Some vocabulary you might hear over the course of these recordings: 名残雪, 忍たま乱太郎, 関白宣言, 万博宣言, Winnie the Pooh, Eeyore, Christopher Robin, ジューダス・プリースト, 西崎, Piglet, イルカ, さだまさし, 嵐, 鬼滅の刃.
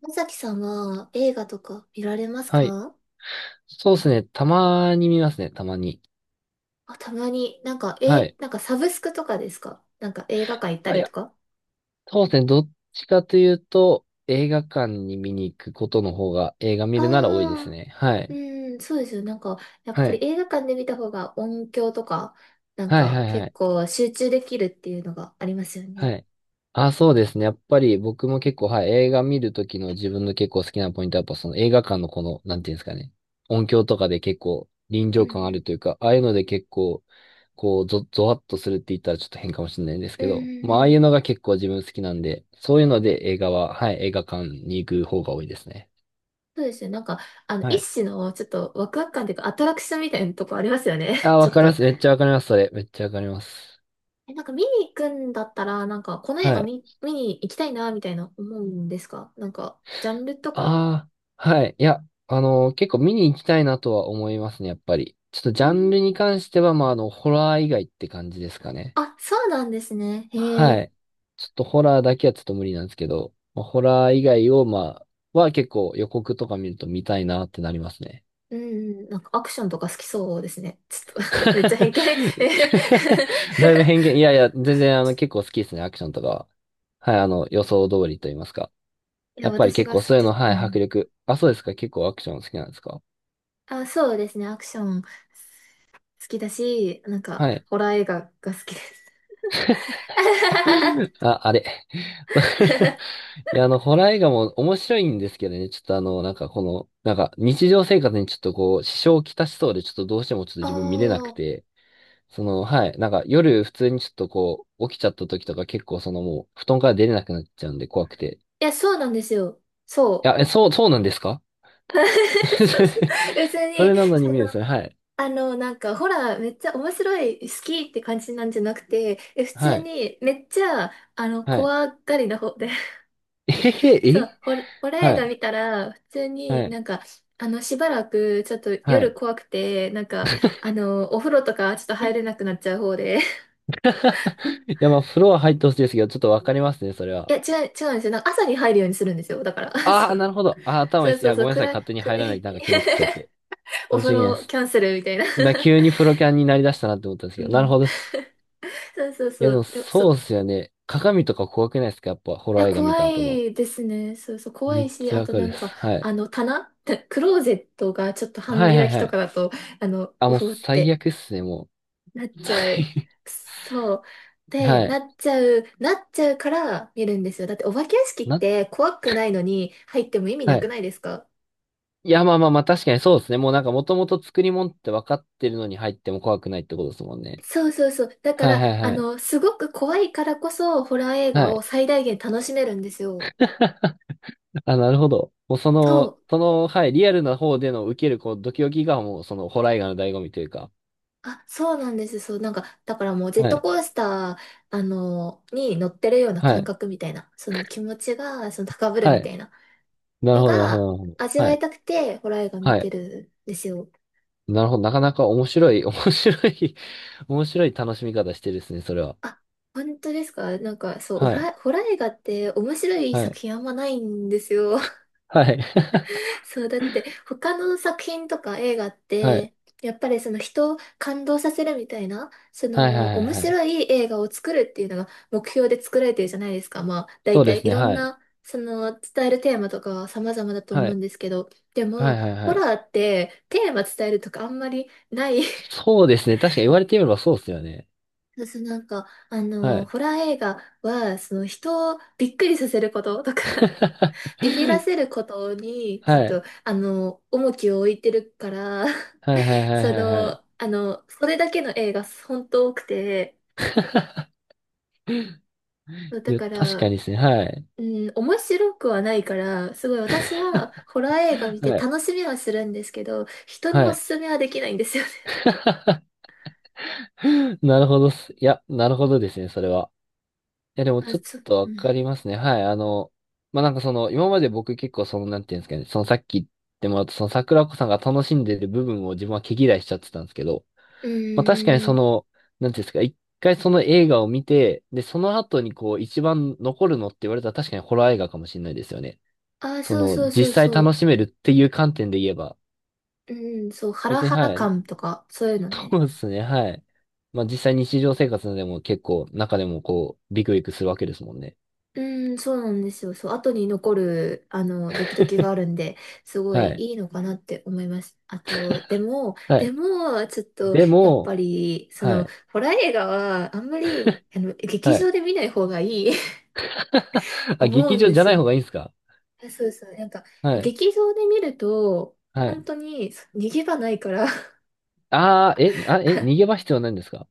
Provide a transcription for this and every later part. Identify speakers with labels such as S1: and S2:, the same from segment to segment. S1: まさきさんは映画とか見られます
S2: はい。
S1: か？
S2: そうですね。たまに見ますね。たまに。
S1: あ、たまに、なんか、
S2: は
S1: え、
S2: い。
S1: なんかサブスクとかですか？なんか映画館行った
S2: あ、い
S1: りと
S2: や、
S1: か？
S2: そうですね。どっちかというと、映画館に見に行くことの方が映画見るなら多いです
S1: ああ
S2: ね。は
S1: ー、
S2: い。
S1: うん、そうですよ。やっ
S2: は
S1: ぱ
S2: い。
S1: り映画館で見た方が音響とか、なん
S2: はい、
S1: か
S2: はい、は
S1: 結
S2: い。
S1: 構集中できるっていうのがありますよ
S2: は
S1: ね。
S2: い。あ、そうですね。やっぱり僕も結構、はい、映画見るときの自分の結構好きなポイントは、やっぱその映画館のこの、なんていうんですかね。音響とかで結構臨
S1: うん
S2: 場感あ
S1: うん。
S2: るというか、ああいうので結構、こう、ゾワッとするって言ったらちょっと変かもしれないんです
S1: う
S2: け
S1: ん
S2: ど、
S1: うん
S2: まあ、ああ
S1: う
S2: いう
S1: ん。
S2: のが結構自分好きなんで、そういうので映画は、はい、映画館に行く方が多いですね。
S1: そうですよ。
S2: は
S1: 一
S2: い。
S1: 種のちょっとワクワク感というかアトラクションみたいなとこありますよね。
S2: あ、
S1: ち
S2: わ
S1: ょっ
S2: かりま
S1: と。
S2: す。めっちゃわかります、それ。めっちゃわかります。
S1: なんか見に行くんだったら、なんかこの映
S2: は
S1: 画
S2: い。
S1: 見に行きたいな、みたいな思うんですか？なんか、ジャンルとか。
S2: ああ、はい。いや、結構見に行きたいなとは思いますね、やっぱり。ちょっとジ
S1: うん。
S2: ャンルに関しては、まあ、ホラー以外って感じですかね。
S1: あ、そうなんですね。へ
S2: は
S1: え。
S2: い。ちょっとホラーだけはちょっと無理なんですけど、まあ、ホラー以外を、まあ、は結構予告とか見ると見たいなってなりますね。
S1: うんうん、なんかアクションとか好きそうですね。ちょっと めっちゃ偏 見。えへへ
S2: だいぶ偏見。いやいや、全然結構好きですね、アクションとかは。はい、予想通りと言いますか。
S1: いや、
S2: やっぱり
S1: 私
S2: 結
S1: が好
S2: 構そ
S1: き、
S2: ういう
S1: ちょっ
S2: の、
S1: と、
S2: は
S1: う
S2: い、迫
S1: ん。
S2: 力。あ、そうですか、結構アクション好きなんですか？
S1: あ、そうですね。アクション好きだし、なんか、
S2: はい。
S1: ホラー映画が好きです。
S2: あ、あれ。いや、ホラー映画も面白いんですけどね、ちょっとなんかこの、なんか日常生活にちょっとこう、支障をきたしそうで、ちょっとどうしてもちょっと
S1: あ
S2: 自分見れなく
S1: あ、
S2: て、はい、なんか夜普通にちょっとこう、起きちゃった時とか結構もう、布団から出れなくなっちゃうんで怖くて。
S1: いや、そうなんですよ。
S2: い
S1: そ
S2: や、え、そうなんですか？
S1: う。そうそう。別
S2: そ
S1: に、
S2: れなの
S1: そ
S2: に
S1: の、
S2: 見るんですね、はい。
S1: ほら、めっちゃ面白い、好きって感じなんじゃなくて、普
S2: は
S1: 通
S2: い。
S1: に、めっちゃ、
S2: はい。
S1: 怖がりな方で、
S2: えへへ、
S1: そう、ホラー映
S2: は
S1: 画
S2: い。
S1: 見たら、普通
S2: は
S1: に
S2: い。
S1: なんか、しばらく、ちょっと
S2: は
S1: 夜
S2: い。
S1: 怖くて、お風呂とか、ちょっと入れなくなっちゃう方で、
S2: いや、まあ、フロア入ってほしいですけど、ちょっとわかりますね、それ
S1: い
S2: は。
S1: や、違う、違うんですよ。なんか朝に入るようにするんですよ。だから、
S2: あ
S1: そ
S2: あ、な
S1: う、
S2: るほど。ああ、頭
S1: そ
S2: いい
S1: う
S2: っす。い
S1: そう
S2: や、
S1: そ
S2: ご
S1: う、
S2: めんなさい。
S1: 暗い、
S2: 勝手に
S1: く
S2: 入らない。なんか決めつ けちゃって。
S1: お
S2: 申し
S1: 風
S2: 訳ないで
S1: 呂
S2: す。
S1: キャンセルみたいな。
S2: 急にプロキャンになりだしたなって思ったんです
S1: う
S2: けど。なる
S1: ん、
S2: ほどっす。
S1: そうそう
S2: い
S1: そ
S2: や、で
S1: う、
S2: もそうっすよね。鏡とか怖くないですか？やっぱ、ホ
S1: い
S2: ラー
S1: や、
S2: 映画見
S1: 怖
S2: た後の。
S1: いですね。そうそう、怖
S2: めっ
S1: いし、
S2: ちゃ
S1: あ
S2: わ
S1: と
S2: か
S1: な
S2: るっ
S1: んか、
S2: す。はい。
S1: あの、棚、クローゼットがちょっと半
S2: はいは
S1: 開
S2: い
S1: き
S2: は
S1: とか
S2: い。
S1: だと、あの、
S2: あ、
S1: う
S2: もう
S1: ふっ
S2: 最
S1: て
S2: 悪っすね、もう。
S1: なっちゃう。
S2: 最
S1: そう。で、
S2: はい。
S1: なっちゃうから見るんですよ。だってお化け屋敷っ
S2: な、
S1: て怖くないのに入っても意味な
S2: は
S1: く
S2: い。
S1: ないですか？
S2: いや、まあまあまあ、確かにそうですね。もうなんか、もともと作り物って分かってるのに入っても怖くないってことですもんね。
S1: そうそうそう。だか
S2: はい
S1: ら、
S2: はい
S1: あ
S2: はい。
S1: の、すごく怖いからこそ、ホラー映
S2: は
S1: 画を
S2: い。
S1: 最大限楽しめるんですよ。
S2: あ、なるほど。もうそ
S1: そ
S2: の、
S1: う。
S2: その、はい、リアルな方での受ける、こう、ドキドキがもう、ホラー映画の醍醐味というか。
S1: あ、そうなんです。そう、なんか、だからもうジェッ
S2: は
S1: ト
S2: い、
S1: コースター、に乗ってるような
S2: は
S1: 感
S2: い、
S1: 覚みたいな、その気持ちが、その高ぶる
S2: は
S1: みた
S2: い。
S1: いな
S2: なる
S1: の
S2: ほど、なるほど、
S1: が、
S2: なるほど。
S1: 味
S2: は
S1: わい
S2: い、
S1: たくて、ホラー映画見
S2: は
S1: て
S2: い。
S1: るんですよ。
S2: なるほど。なかなか面白い、面白い、面白い楽しみ方してるですね、それは。
S1: あ、本当ですか？なんか、そう、
S2: はい、
S1: ホラー映画って面白い
S2: は
S1: 作
S2: い、
S1: 品あんまないんですよ。
S2: はい。
S1: そう、だって他の作品とか映画っ
S2: はい、
S1: て、やっぱりその人を感動させるみたいな、そ
S2: はい、は
S1: の
S2: い、はい
S1: 面
S2: はい。
S1: 白い映画を作るっていうのが目標で作られてるじゃないですか。まあ
S2: そ
S1: 大
S2: うで
S1: 体
S2: す
S1: い
S2: ね、
S1: ろん
S2: はい、
S1: なその伝えるテーマとかは様々だと思
S2: は
S1: うん
S2: い、
S1: ですけど、で
S2: は
S1: も
S2: い、はい、
S1: ホ
S2: はい。
S1: ラーってテーマ伝えるとかあんまりない。
S2: そうですね、確かに言われてみればそうですよね。
S1: そうそう、なんか、あ
S2: は
S1: の、
S2: い。
S1: ホラー映画は、その人をびっくりさせることとか ビビらせ ることに、ちょっ
S2: はい、
S1: と、あの、重きを置いてるから、
S2: はい、はい、はい、
S1: そ
S2: はい。はい。
S1: の、あの、それだけの映画本当多くて、そう
S2: い
S1: だ
S2: や、
S1: か
S2: 確か
S1: ら、
S2: にですね、はい。
S1: うん、面白くはないから、すごい私はホラー映画見
S2: は
S1: て
S2: い
S1: 楽しみはするんですけど、人に
S2: は
S1: お
S2: い。
S1: すすめはできないんですよね。
S2: なるほどっす。いや、なるほどですね、それは。いや、で も
S1: あ、
S2: ちょっ
S1: そう、
S2: とわ
S1: うん。
S2: かりますね。はい。まあ、今まで僕結構なんていうんですかね、さっき言ってもらったその桜子さんが楽しんでる部分を自分は毛嫌いしちゃってたんですけど、まあ、確かに
S1: うん。
S2: なんていうんですか、一回その映画を見て、で、その後にこう、一番残るのって言われたら確かにホラー映画かもしれないですよね。
S1: あ、そうそう
S2: 実
S1: そう
S2: 際
S1: そ
S2: 楽
S1: う。
S2: しめるっていう観点で言えば、
S1: うん、そう、ハラ
S2: 別に
S1: ハラ
S2: はい。
S1: 感とか、そういうのね。
S2: そうですね、はい。まあ実際日常生活でも結構中でもこうビクビクするわけですもんね。
S1: うん、そうなんですよ。そう、後に残る、あの、ドキドキがあるんで、すご
S2: は
S1: い
S2: い。
S1: いいのかなって思います。あと、でも、
S2: は
S1: で
S2: い。
S1: も、ちょっと、
S2: で
S1: やっ
S2: も、
S1: ぱり、そ
S2: は
S1: の、
S2: い。
S1: ホラー映画は、あんまり、あの、劇
S2: は
S1: 場
S2: い。
S1: で見ない方がいい
S2: あ、
S1: 思う
S2: 劇
S1: ん
S2: 場
S1: で
S2: じゃ
S1: す
S2: ない
S1: よ。
S2: 方がいいんですか？
S1: あ、そうそう、なんか、
S2: はい。
S1: 劇場で見ると、
S2: は
S1: 本
S2: い。
S1: 当に、逃げ場ないから
S2: ああ、え、あ、え、逃げ場必要ないんですか？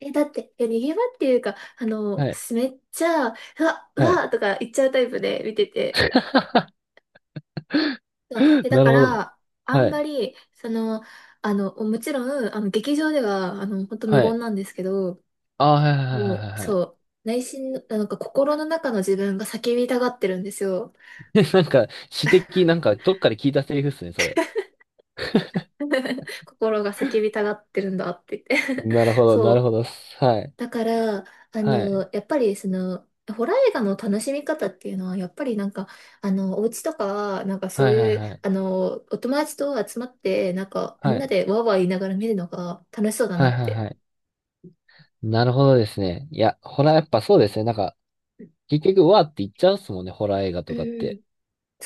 S1: え、だって、いや、逃げ場っていうか、あの、
S2: はい。
S1: めっちゃ、う
S2: はい。
S1: わ、とか言っちゃうタイプで見てて、そう、え、だ
S2: なる
S1: か
S2: ほど。
S1: ら、あん
S2: は
S1: ま
S2: い。
S1: り、その、あの、もちろん、あの、劇場では、あの、本当無
S2: は
S1: 言
S2: い。
S1: なんですけど、
S2: ああ、はいはいはいは
S1: もう、
S2: いはい。
S1: そう、内心の、なんか心の中の自分が叫びたがってるんですよ。
S2: なんか、詩的、なんか、どっかで聞いたセリフっすね、それ。
S1: 心が叫びたがってるんだって言って
S2: なるほ ど、なる
S1: そ
S2: ほ
S1: う。
S2: ど。はい。
S1: だから、あ
S2: はい。
S1: の、やっぱり、その、ホラー映画の楽しみ方っていうのは、やっぱりなんか、あの、お家とか、なんかそ
S2: は
S1: う
S2: いはい
S1: いう、
S2: はい。
S1: あの、お友達と集まって、なんか、み
S2: は
S1: んな
S2: い。
S1: でワーワー言いながら見るのが楽しそうだな
S2: はい
S1: っ
S2: はい
S1: て、
S2: はい。なるほどですね。いや、ホラーやっぱそうですね。なんか、結局、うわーって言っちゃうっすもんね、ホラー映画
S1: う
S2: とかって。
S1: ん。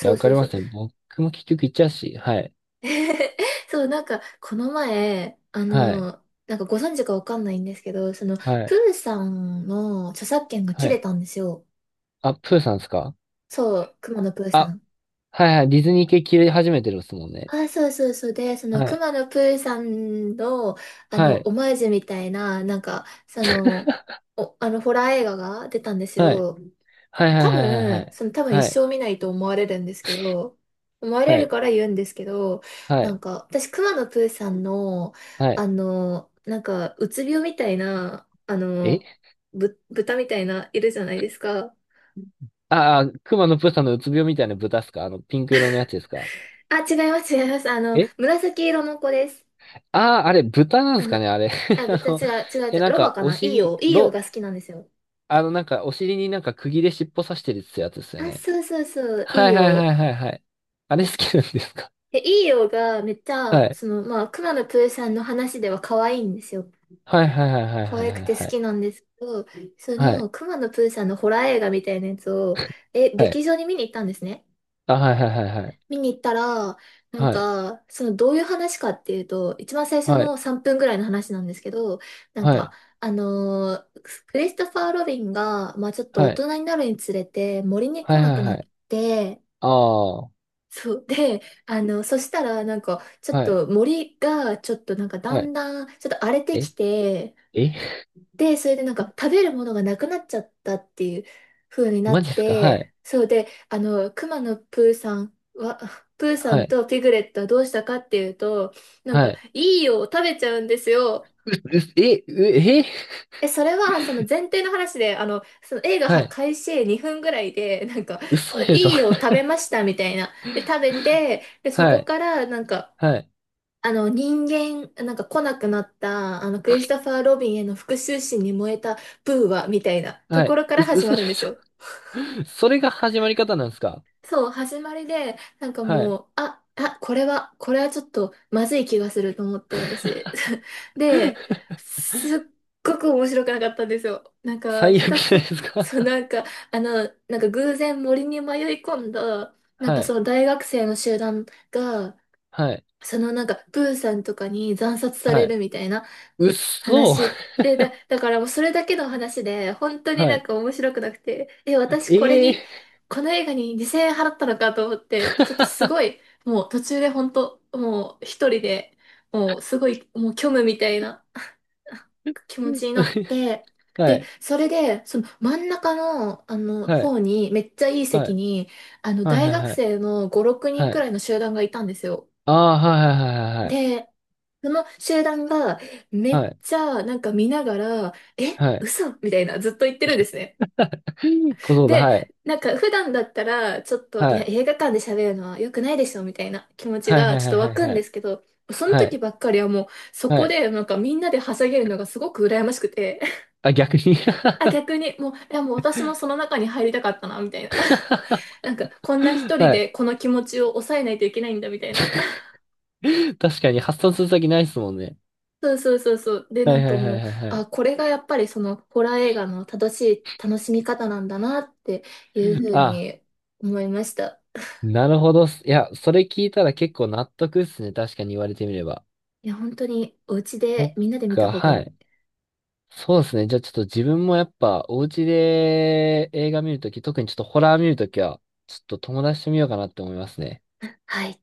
S2: いや、わ
S1: う
S2: か
S1: そう
S2: りま
S1: そう。
S2: すね。僕も結局言っちゃうし、はい。
S1: そう、なんか、この前、あ
S2: はい。
S1: の、なんかご存知かわかんないんですけど、その、
S2: は
S1: プ
S2: い。
S1: ーさんの著作権が
S2: は
S1: 切れ
S2: い。
S1: たんですよ。
S2: あ、プーさんですか？
S1: そう、熊野プーさ
S2: あ、
S1: ん。
S2: はいはい。ディズニー系切り始めてるっすもんね。
S1: あ、そうそうそう。で、その、
S2: はい。
S1: 熊野プーさんの、あ
S2: は
S1: の、
S2: い。
S1: オマージュみたいな、なんか、その、お、あの、ホラー映画が出たんです
S2: はい。
S1: よ。
S2: はいはいはいはいはい。
S1: 多分一
S2: はい。
S1: 生見ないと思われるんですけど、思われるから言うんですけど、
S2: は
S1: なん
S2: い。
S1: か、私、熊野プーさんの、
S2: は
S1: あ
S2: い。
S1: の、なんか、うつ病みたいな、あの、
S2: え
S1: 豚みたいな、いるじゃないですか。
S2: ああ、熊のプーさんのうつ病みたいな豚っすか？あの、ピンク色のやつですか？
S1: あ、違います、違います。あの、
S2: え
S1: 紫色の子です。
S2: ああー、あれ、豚なんで
S1: あ
S2: す
S1: の、
S2: かね、あれ。
S1: あ、
S2: あ
S1: 豚、違
S2: の、
S1: う、違う、違
S2: え、
S1: う、
S2: なん
S1: ロバ
S2: か、
S1: か
S2: お
S1: な。イー
S2: 尻、
S1: オー。いよ
S2: ロ、
S1: が好きなんですよ。
S2: あの、なんか、お尻になんか釘で尻尾刺してるってやつですよ
S1: あ、
S2: ね。
S1: そうそうそう、イ
S2: は
S1: い
S2: いはいはい
S1: ー。
S2: はいはい。あれ好きなんですか？
S1: で、イいーがめっちゃ、
S2: はい。
S1: その、まあ、熊野プーさんの話では可愛いんですよ。
S2: はいはいはいはい
S1: 可愛く
S2: はい
S1: て好
S2: はい。
S1: きなんですけど、そ
S2: はい。
S1: の、熊野プーさんのホラー映画みたいなやつを、え、
S2: はい。
S1: 劇場に見に行ったんですね。
S2: あ、はいはいはいはい。
S1: 見に行ったら、なん
S2: はい。
S1: か、その、どういう話かっていうと、一番最初
S2: はい。
S1: の3分ぐらいの話なんですけど、なん
S2: は
S1: か、
S2: い。
S1: あのークリストファー・ロビンが、まあちょっと大
S2: はい。
S1: 人になるにつれて、森に来
S2: はい
S1: な
S2: は
S1: く
S2: い
S1: な
S2: は
S1: っ
S2: い。
S1: て、
S2: ああ。
S1: そう。で、あの、そしたら、なんか、ちょっ
S2: はい。
S1: と森が、ちょっとなんか、だ
S2: はい。
S1: んだん、ちょっと荒れて
S2: え
S1: きて、
S2: え。
S1: で、それでなんか 食べるものがなくなっちゃったっていう風にな
S2: マ
S1: っ
S2: ジですか？はい。
S1: て、そうで、あの、熊のプーさんは、プーさ
S2: は
S1: ん
S2: い。
S1: とピグレットはどうしたかっていうと、なん
S2: は
S1: か、
S2: い。
S1: いいよ、食べちゃうんですよ。
S2: う、う、え、う、え
S1: え、それは、その前提の話で、あの、その映画
S2: は
S1: は
S2: い。
S1: 開始2分ぐらいで、なんか、
S2: 嘘
S1: な
S2: でしょ。
S1: いいよ、食 べましたみたいな。で、食べて、で、そ
S2: は
S1: こ
S2: い。
S1: から、なんか、
S2: はい。
S1: あの人間、なんか来なくなった、あのクリスタファー・ロビンへの復讐心に燃えたブーは、みたいなと
S2: は
S1: こ
S2: い。
S1: ろから始ま
S2: 嘘で
S1: るんです
S2: し
S1: よ。
S2: ょ。 それが始まり方なんですか？
S1: そう、始まりで、なんか
S2: はい。
S1: もう、これは、これはちょっとまずい気がすると思って、私。で、すっごく面白くなかったんですよ。なんか、
S2: 最
S1: ひた
S2: 悪じゃ
S1: す
S2: な
S1: ら、
S2: いですか？
S1: そう、なんか、あの、なんか偶然森に迷い込んだ、なん
S2: は
S1: かそ
S2: い。
S1: の大学生の集団が、
S2: はい。
S1: そのなんか、プーさんとかに惨殺され
S2: は
S1: る
S2: い。
S1: みたいな、
S2: うっそ。
S1: 話で、だからもうそれだけの話で、本当に
S2: は
S1: なん
S2: い。
S1: か面白くなくて、え、私これ
S2: え
S1: に、
S2: え
S1: この映画に2000円払ったのかと思って、ちょっとす
S2: ー。
S1: ごい、もう途中で本当、もう一人で、もうすごい、もう虚無みたいな 気持ちに なって、
S2: は
S1: で、
S2: い。
S1: それで、その真ん中の、あの、
S2: はい。
S1: 方に、めっちゃいい
S2: は
S1: 席
S2: い。
S1: に、あの、
S2: はい。
S1: 大
S2: はい。
S1: 学
S2: はい。
S1: 生の5、6人
S2: は
S1: く
S2: い。
S1: らいの集団がいたんですよ。
S2: ああ、はい。はい。は
S1: で、その集団がめ
S2: い。は
S1: っ
S2: い。は
S1: ちゃなんか見ながら、え、
S2: い。はい。
S1: 嘘みたいなずっと言ってるんですね。
S2: 小僧だ、
S1: で、
S2: はい。
S1: なんか普段だったらちょっと、い
S2: は
S1: や
S2: い。
S1: 映画館で喋るのは良くないでしょみたいな気持ち
S2: はいは
S1: がちょ
S2: い
S1: っ
S2: はい
S1: と
S2: は
S1: 湧
S2: い
S1: くん
S2: は
S1: で
S2: い。
S1: すけど、その
S2: は
S1: 時
S2: い。
S1: ばっかりはもうそ
S2: は
S1: こ
S2: い。
S1: でなんかみんなではしゃげるのがすごく羨ましくて、
S2: あ、逆に。
S1: あ、
S2: は
S1: 逆にもう、いやもう私もその中に入りたかったな、みたいな。なんかこんな一人で
S2: い。
S1: この気持ちを抑えないといけないんだみたいな。
S2: 確かに発散する先ないっすもんね。
S1: そうそうそうそう。で、な
S2: はい
S1: ん
S2: は
S1: か
S2: いは
S1: も
S2: い
S1: う、
S2: はいはい。
S1: あ、これがやっぱりそのホラー映画の正しい楽しみ方なんだなっていうふう
S2: あ、
S1: に思いました。
S2: なるほどっす。いや、それ聞いたら結構納得っすね。確かに言われてみれば。
S1: いや、本当にお家
S2: そ
S1: で
S2: っ
S1: みんなで見た
S2: か、
S1: 方がい
S2: は
S1: い。
S2: い。そうですね。じゃあちょっと自分もやっぱお家で映画見るとき、特にちょっとホラー見るときは、ちょっと友達と見ようかなって思いますね。
S1: はい。